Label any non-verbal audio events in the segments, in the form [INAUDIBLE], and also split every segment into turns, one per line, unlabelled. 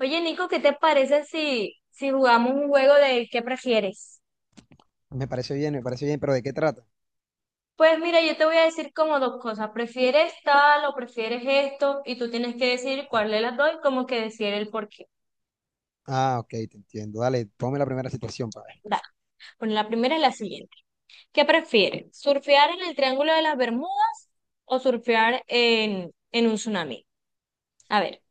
Oye, Nico, ¿qué te parece si jugamos un juego de qué prefieres?
Me parece bien, pero ¿de qué trata?
Pues mira, yo te voy a decir como dos cosas. ¿Prefieres tal o prefieres esto? Y tú tienes que decir cuál de las dos y como que decir el por qué.
Ah, ok, te entiendo. Dale, ponme la primera situación para ver.
Dale. Bueno, la primera es la siguiente. ¿Qué prefieres? ¿Surfear en el Triángulo de las Bermudas o surfear en un tsunami? A ver,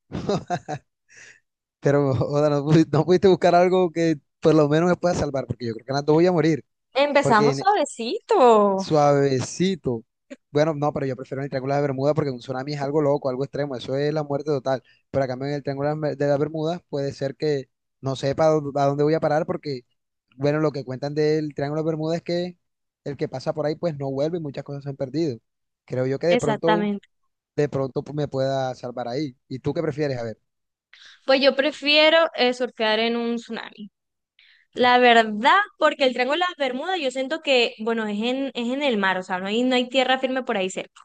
Pero, [LAUGHS] o sea, no, no pudiste buscar algo que por lo menos me pueda salvar, porque yo creo que en las dos voy a morir. Porque
empezamos
en-
suavecito.
Suavecito. Bueno, no, pero yo prefiero el Triángulo de Bermuda porque un tsunami es algo loco, algo extremo. Eso es la muerte total. Pero a cambio en el Triángulo de las Bermudas puede ser que no sepa a dónde voy a parar porque, bueno, lo que cuentan del Triángulo de Bermuda es que el que pasa por ahí pues no vuelve y muchas cosas se han perdido. Creo yo que de pronto
Exactamente.
de pronto pues, me pueda salvar ahí. ¿Y tú qué prefieres? A ver,
Pues yo prefiero surfear en un tsunami. La verdad, porque el Triángulo de las Bermudas yo siento que, bueno, es en el mar, o sea, no hay tierra firme por ahí cerca.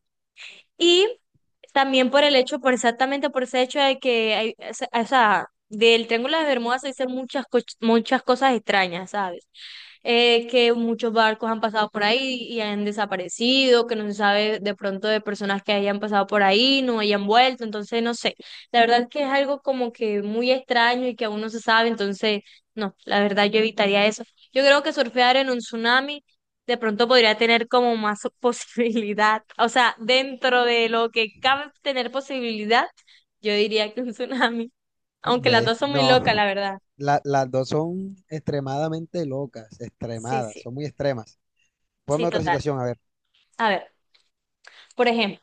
Y también por el hecho, por exactamente por ese hecho de que, hay, o sea, del Triángulo de Bermuda se dicen muchas cosas extrañas, ¿sabes? Que muchos barcos han pasado por ahí y han desaparecido, que no se sabe de pronto de personas que hayan pasado por ahí, no hayan vuelto, entonces no sé. La verdad es que es algo como que muy extraño y que aún no se sabe, entonces no, la verdad yo evitaría eso. Yo creo que surfear en un tsunami de pronto podría tener como más [LAUGHS] posibilidad. O sea, dentro de lo que cabe tener posibilidad, yo diría que un tsunami. Aunque las
ves,
dos son muy locas, la
no,
verdad.
las dos son extremadamente locas,
Sí,
extremadas,
sí,
son muy extremas. Ponme
sí,
otra
total.
situación, a ver.
A ver, por ejemplo,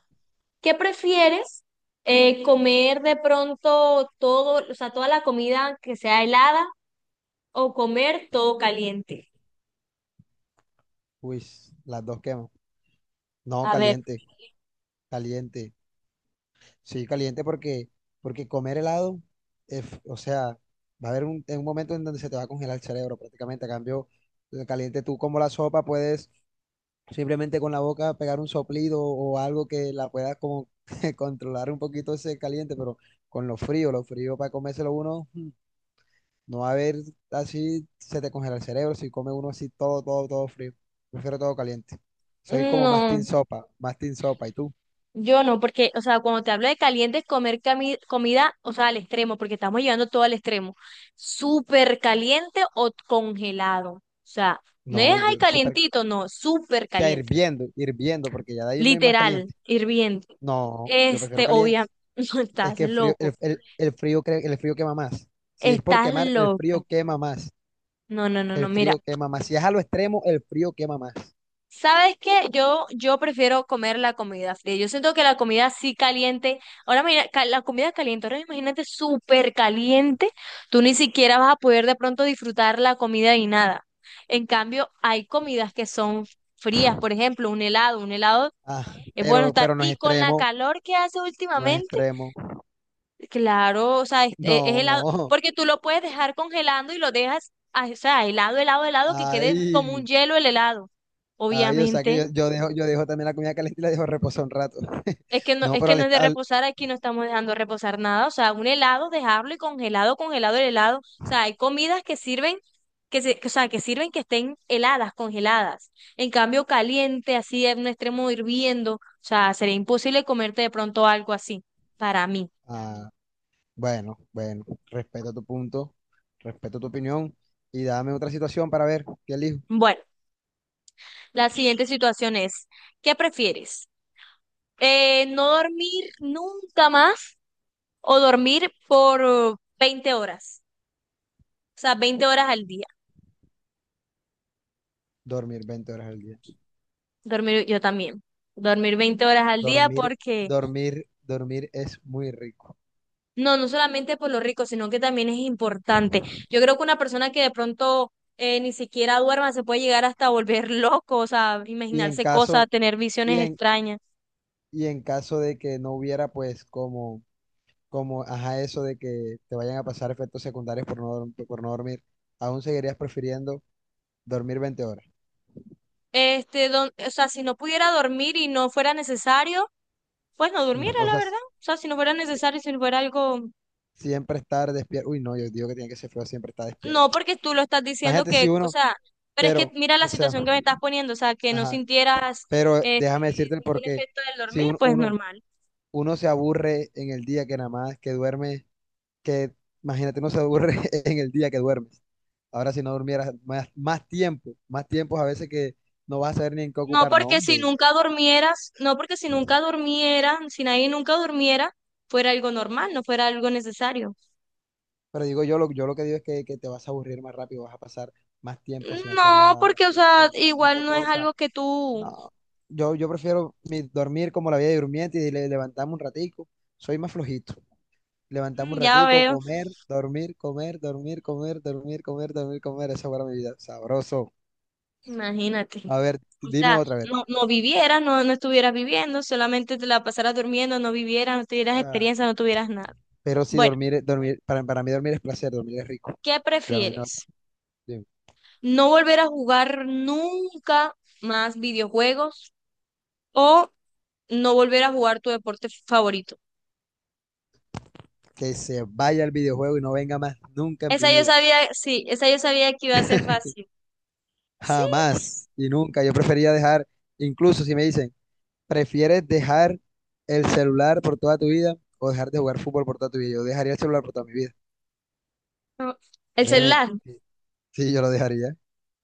¿qué prefieres? ¿Comer de pronto todo, o sea, toda la comida que sea helada o comer todo caliente?
Uy, las dos quemo. No,
A ver,
caliente, caliente. Sí, caliente porque comer helado, o sea, va a haber en un momento en donde se te va a congelar el cerebro prácticamente. A cambio, el caliente tú como la sopa puedes simplemente con la boca pegar un soplido o algo que la pueda como [LAUGHS] controlar un poquito ese caliente, pero con lo frío, para comérselo uno, no va a haber así, se te congela el cerebro si come uno así todo, todo, todo frío. Prefiero todo caliente. Soy como más team
no.
sopa, más team sopa. ¿Y tú?
Yo no, porque, o sea, cuando te hablo de caliente es comida, o sea, al extremo, porque estamos llevando todo al extremo. Súper caliente o congelado. O sea, no es
No,
ahí
yo súper, o
calientito, no, súper
sea,
caliente.
hirviendo, hirviendo, porque ya de ahí no hay más
Literal,
caliente.
hirviendo.
No, yo prefiero
Este,
caliente.
obviamente, [LAUGHS] no,
Es
estás
que el frío,
loco,
el frío, el frío quema más. Si es por
estás
quemar, el frío
loco.
quema más.
No, no, no, no,
El
mira.
frío quema más. Si es a lo extremo, el frío quema más.
¿Sabes qué? Yo prefiero comer la comida fría. Yo siento que la comida sí caliente, ahora mira, la comida caliente, ahora imagínate súper caliente, tú ni siquiera vas a poder de pronto disfrutar la comida y nada. En cambio, hay comidas que son frías, por ejemplo, un helado
Ah,
es bueno
pero,
estar.
pero no es
Y con la
extremo,
calor que hace
no es
últimamente,
extremo.
claro, o sea, es helado,
No,
porque tú lo puedes dejar congelando y lo dejas, ah, o sea, helado, helado, helado, que quede como un
ay,
hielo el helado,
ay, o sea que yo,
obviamente.
yo dejo también la comida caliente y la dejo reposar un rato. [LAUGHS]
Es que no,
No,
es
pero
que no es de reposar, aquí no estamos dejando reposar nada. O sea, un helado, dejarlo y congelado, congelado el helado. O sea, hay comidas que sirven, o sea, que sirven que estén heladas, congeladas. En cambio, caliente, así en un extremo hirviendo. O sea, sería imposible comerte de pronto algo así, para mí.
ah, bueno, bueno, respeto tu punto, respeto tu opinión y dame otra situación para ver qué elijo.
Bueno, la siguiente situación es, ¿qué prefieres? ¿No dormir nunca más o dormir por 20 horas? O sea, 20 horas al día.
Dormir 20 horas al día.
Dormir, yo también. Dormir 20 horas al día
Dormir,
porque,
dormir, dormir es muy rico.
no, no solamente por lo rico, sino que también es importante. Yo creo que una persona que de pronto ni siquiera duerma se puede llegar hasta volver [LAUGHS] loco, o sea,
Y en
imaginarse cosas,
caso,
tener
y
visiones
en,
extrañas.
y en caso de que no hubiera, pues, como, ajá, eso de que te vayan a pasar efectos secundarios por no dormir, aún seguirías prefiriendo dormir 20 horas.
O sea, si no pudiera dormir y no fuera necesario, pues no durmiera,
O
la
sea,
verdad. O sea, si no fuera necesario, si fuera algo.
siempre estar despierto. Uy, no, yo digo que tiene que ser feo siempre estar
No,
despierto.
porque tú lo estás diciendo
Imagínate si
que, o
uno,
sea, pero es que
pero,
mira la
o sea,
situación que me estás poniendo, o sea, que no
ajá,
sintieras
pero
este,
déjame decirte el
ningún
porqué.
efecto del
Si
dormir, pues
uno,
normal.
uno se aburre en el día que nada más que duerme, que imagínate, uno se aburre [LAUGHS] en el día que duermes. Ahora si no durmieras más, más tiempo, más tiempos a veces que no vas a saber ni en qué
No,
ocupar, no,
porque si
hombre.
nunca durmieras, no, porque si nunca durmiera, si nadie nunca durmiera, fuera algo normal, no fuera algo necesario.
Pero digo yo, yo lo que digo es que te vas a aburrir más rápido, vas a pasar más tiempo sin hacer
No,
nada, más
porque, o sea,
tiempo haciendo
igual no es
cosas.
algo que tú.
No, yo prefiero dormir como la vida de durmiente y levantarme un ratico. Soy más flojito. Levantarme un
Mm, ya
ratico,
veo,
comer, dormir, comer, dormir, comer, dormir, comer, dormir, comer. Esa fuera mi vida. Sabroso.
imagínate.
A ver,
O
dime
sea,
otra vez.
no, no vivieras, no, no estuvieras viviendo, solamente te la pasaras durmiendo, no vivieras, no tuvieras
Ah,
experiencia, no tuvieras nada.
pero sí,
Bueno.
dormir, dormir, para mí dormir es placer, dormir es rico.
¿Qué
Bueno, dime otra.
prefieres?
Dime.
¿No volver a jugar nunca más videojuegos o no volver a jugar tu deporte favorito?
Que se vaya el videojuego y no venga más nunca en mi
Esa yo
vida.
sabía, sí, esa yo sabía que iba a ser fácil. Sí,
Jamás y nunca. Yo prefería dejar, incluso si me dicen, ¿prefieres dejar el celular por toda tu vida o dejar de jugar fútbol por toda tu vida? Yo dejaría el celular por toda mi vida.
no. El
Créeme,
celular.
que sí, yo lo dejaría.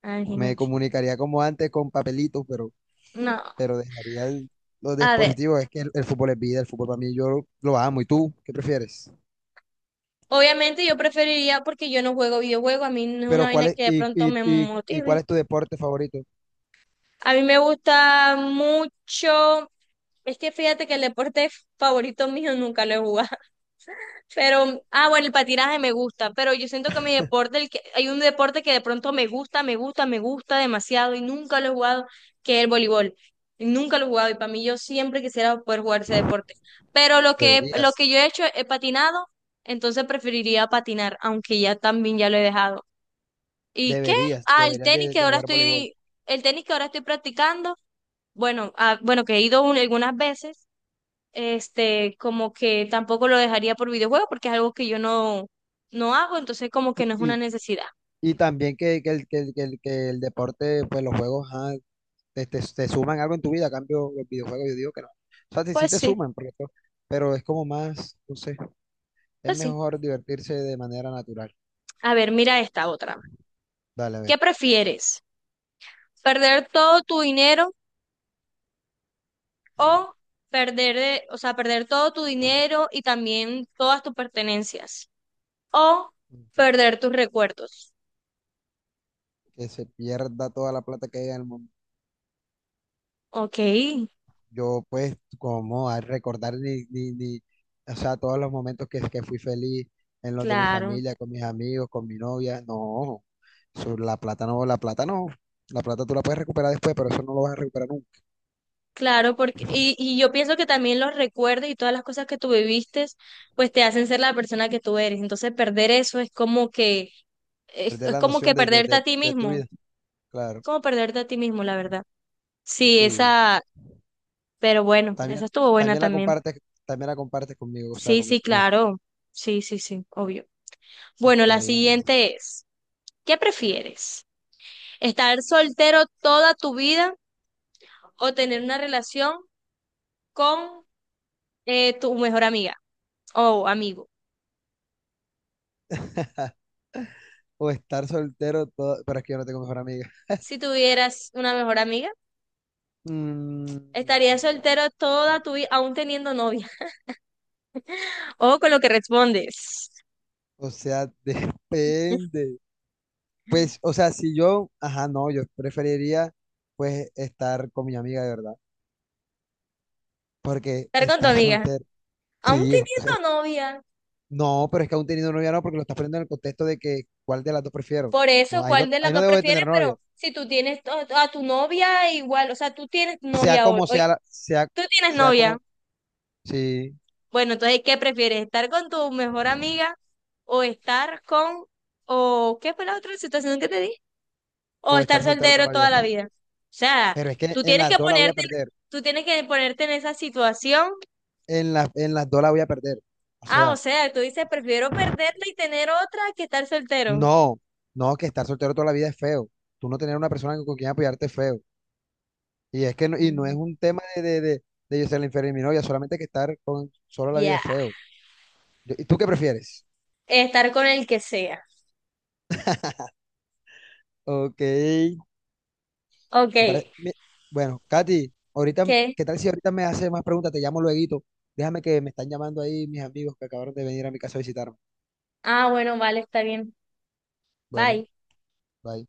Ah,
Me
imagínate.
comunicaría como antes con papelitos, pero,
No,
pero dejaría los
a ver.
dispositivos. Es que el fútbol es vida, el fútbol para mí yo lo amo. ¿Y tú qué prefieres?
Obviamente yo preferiría porque yo no juego videojuegos, a mí no es una
Pero
vaina
¿cuál es,
que de
y,
pronto
y,
me
y, y cuál
motive.
es tu deporte favorito?
A mí me gusta mucho, es que fíjate que el deporte favorito mío nunca lo he jugado. Pero, ah, bueno, el patinaje me gusta, pero yo siento que mi deporte, el que, hay un deporte que de pronto me gusta demasiado y nunca lo he jugado, que es el voleibol. Nunca lo he jugado y para mí yo siempre quisiera poder jugar ese deporte. Pero lo
Deberías,
que yo he hecho, he patinado, entonces preferiría patinar, aunque ya también ya lo he dejado. ¿Y qué?
deberías,
Ah,
deberías de, de jugar voleibol.
el tenis que ahora estoy practicando, bueno, ah, bueno, que he ido algunas veces como que tampoco lo dejaría por videojuegos porque es algo que yo no, no hago, entonces como que no es una
Y,
necesidad.
Y también que el, que, el, que el que el deporte, pues los juegos, ajá, te, te suman algo en tu vida, a cambio los videojuegos, yo digo que no. O sea, sí, sí
Pues
te
sí,
suman, porque pero es como más, no sé, es
pues sí.
mejor divertirse de manera natural.
A ver, mira esta otra.
Dale, a ver,
¿Qué prefieres? ¿Perder todo tu dinero o perder, de- o sea, perder todo tu dinero y también todas tus pertenencias? O
Ujú.
perder tus recuerdos.
Que se pierda toda la plata que hay en el mundo.
Ok,
Yo, pues, como a recordar ni, o sea, todos los momentos que fui feliz en los de mi
claro.
familia, con mis amigos, con mi novia, no, eso, la plata no, la plata no, la plata tú la puedes recuperar después, pero eso no lo vas a recuperar nunca.
Claro, porque, y yo pienso que también los recuerdos y todas las cosas que tú viviste, pues te hacen ser la persona que tú eres. Entonces, perder eso
Perder
es
la
como
noción
que
de, de,
perderte
de-
a ti
de tu
mismo,
vida, claro.
como perderte a ti mismo, la verdad. Sí,
Sí.
esa, pero bueno,
También,
esa estuvo buena
también la
también.
compartes, también la compartes conmigo, o sea,
Sí,
con mi
sí,
opinión.
claro. Sí, sí, sí, obvio. Bueno,
Ok.
la siguiente es, ¿qué prefieres? ¿Estar soltero toda tu vida o tener una relación con tu mejor amiga o amigo?
O estar soltero todo, pero es que yo no tengo mejor amiga.
Si tuvieras una mejor amiga,
Mm,
estarías soltero toda tu vida, aún teniendo novia. [LAUGHS] O con lo que respondes.
o sea, [LAUGHS] depende. Pues, o sea, si yo, ajá, no, yo preferiría pues estar con mi amiga de verdad. Porque
Estar con tu
estar
amiga,
soltero,
aún
sí,
teniendo novia.
no, pero es que aún teniendo novia no, porque lo estás poniendo en el contexto de que cuál de las dos prefiero.
Por
No,
eso,
ahí no,
¿cuál de las
ahí no
dos
debo de
prefieres?
tener novia.
Pero si tú tienes a tu novia, igual, o sea, tú tienes
Sea
novia
como sea, sea,
tú tienes
sea
novia.
como, sí,
Bueno, entonces, ¿qué prefieres? ¿Estar con tu mejor amiga o estar con, o qué fue la otra situación que te di?
o
O
estar
estar
soltero
soltero
toda la
toda
vida.
la vida. O sea,
Pero es que
tú
en
tienes
las
que
dos la voy a
ponerte,
perder.
tú tienes que ponerte en esa situación.
En las dos la voy a perder. O
Ah, o
sea,
sea, tú dices, prefiero perderla y tener otra que estar soltero.
no, no, que estar soltero toda la vida es feo. Tú no tener una persona con quien apoyarte es feo. Y es que no, y no es
Mm.
un tema de yo ser la inferior de mi novia, solamente que estar con solo la vida
Ya.
es feo. ¿Y tú qué prefieres?
Estar con el que sea.
Ok, me
Ok,
parece, bueno, Katy, ahorita,
¿qué?
¿qué tal si ahorita me haces más preguntas? Te llamo lueguito. Déjame que me están llamando ahí mis amigos que acabaron de venir a mi casa a visitar.
Ah, bueno, vale, está bien.
Bueno,
Bye.
bye.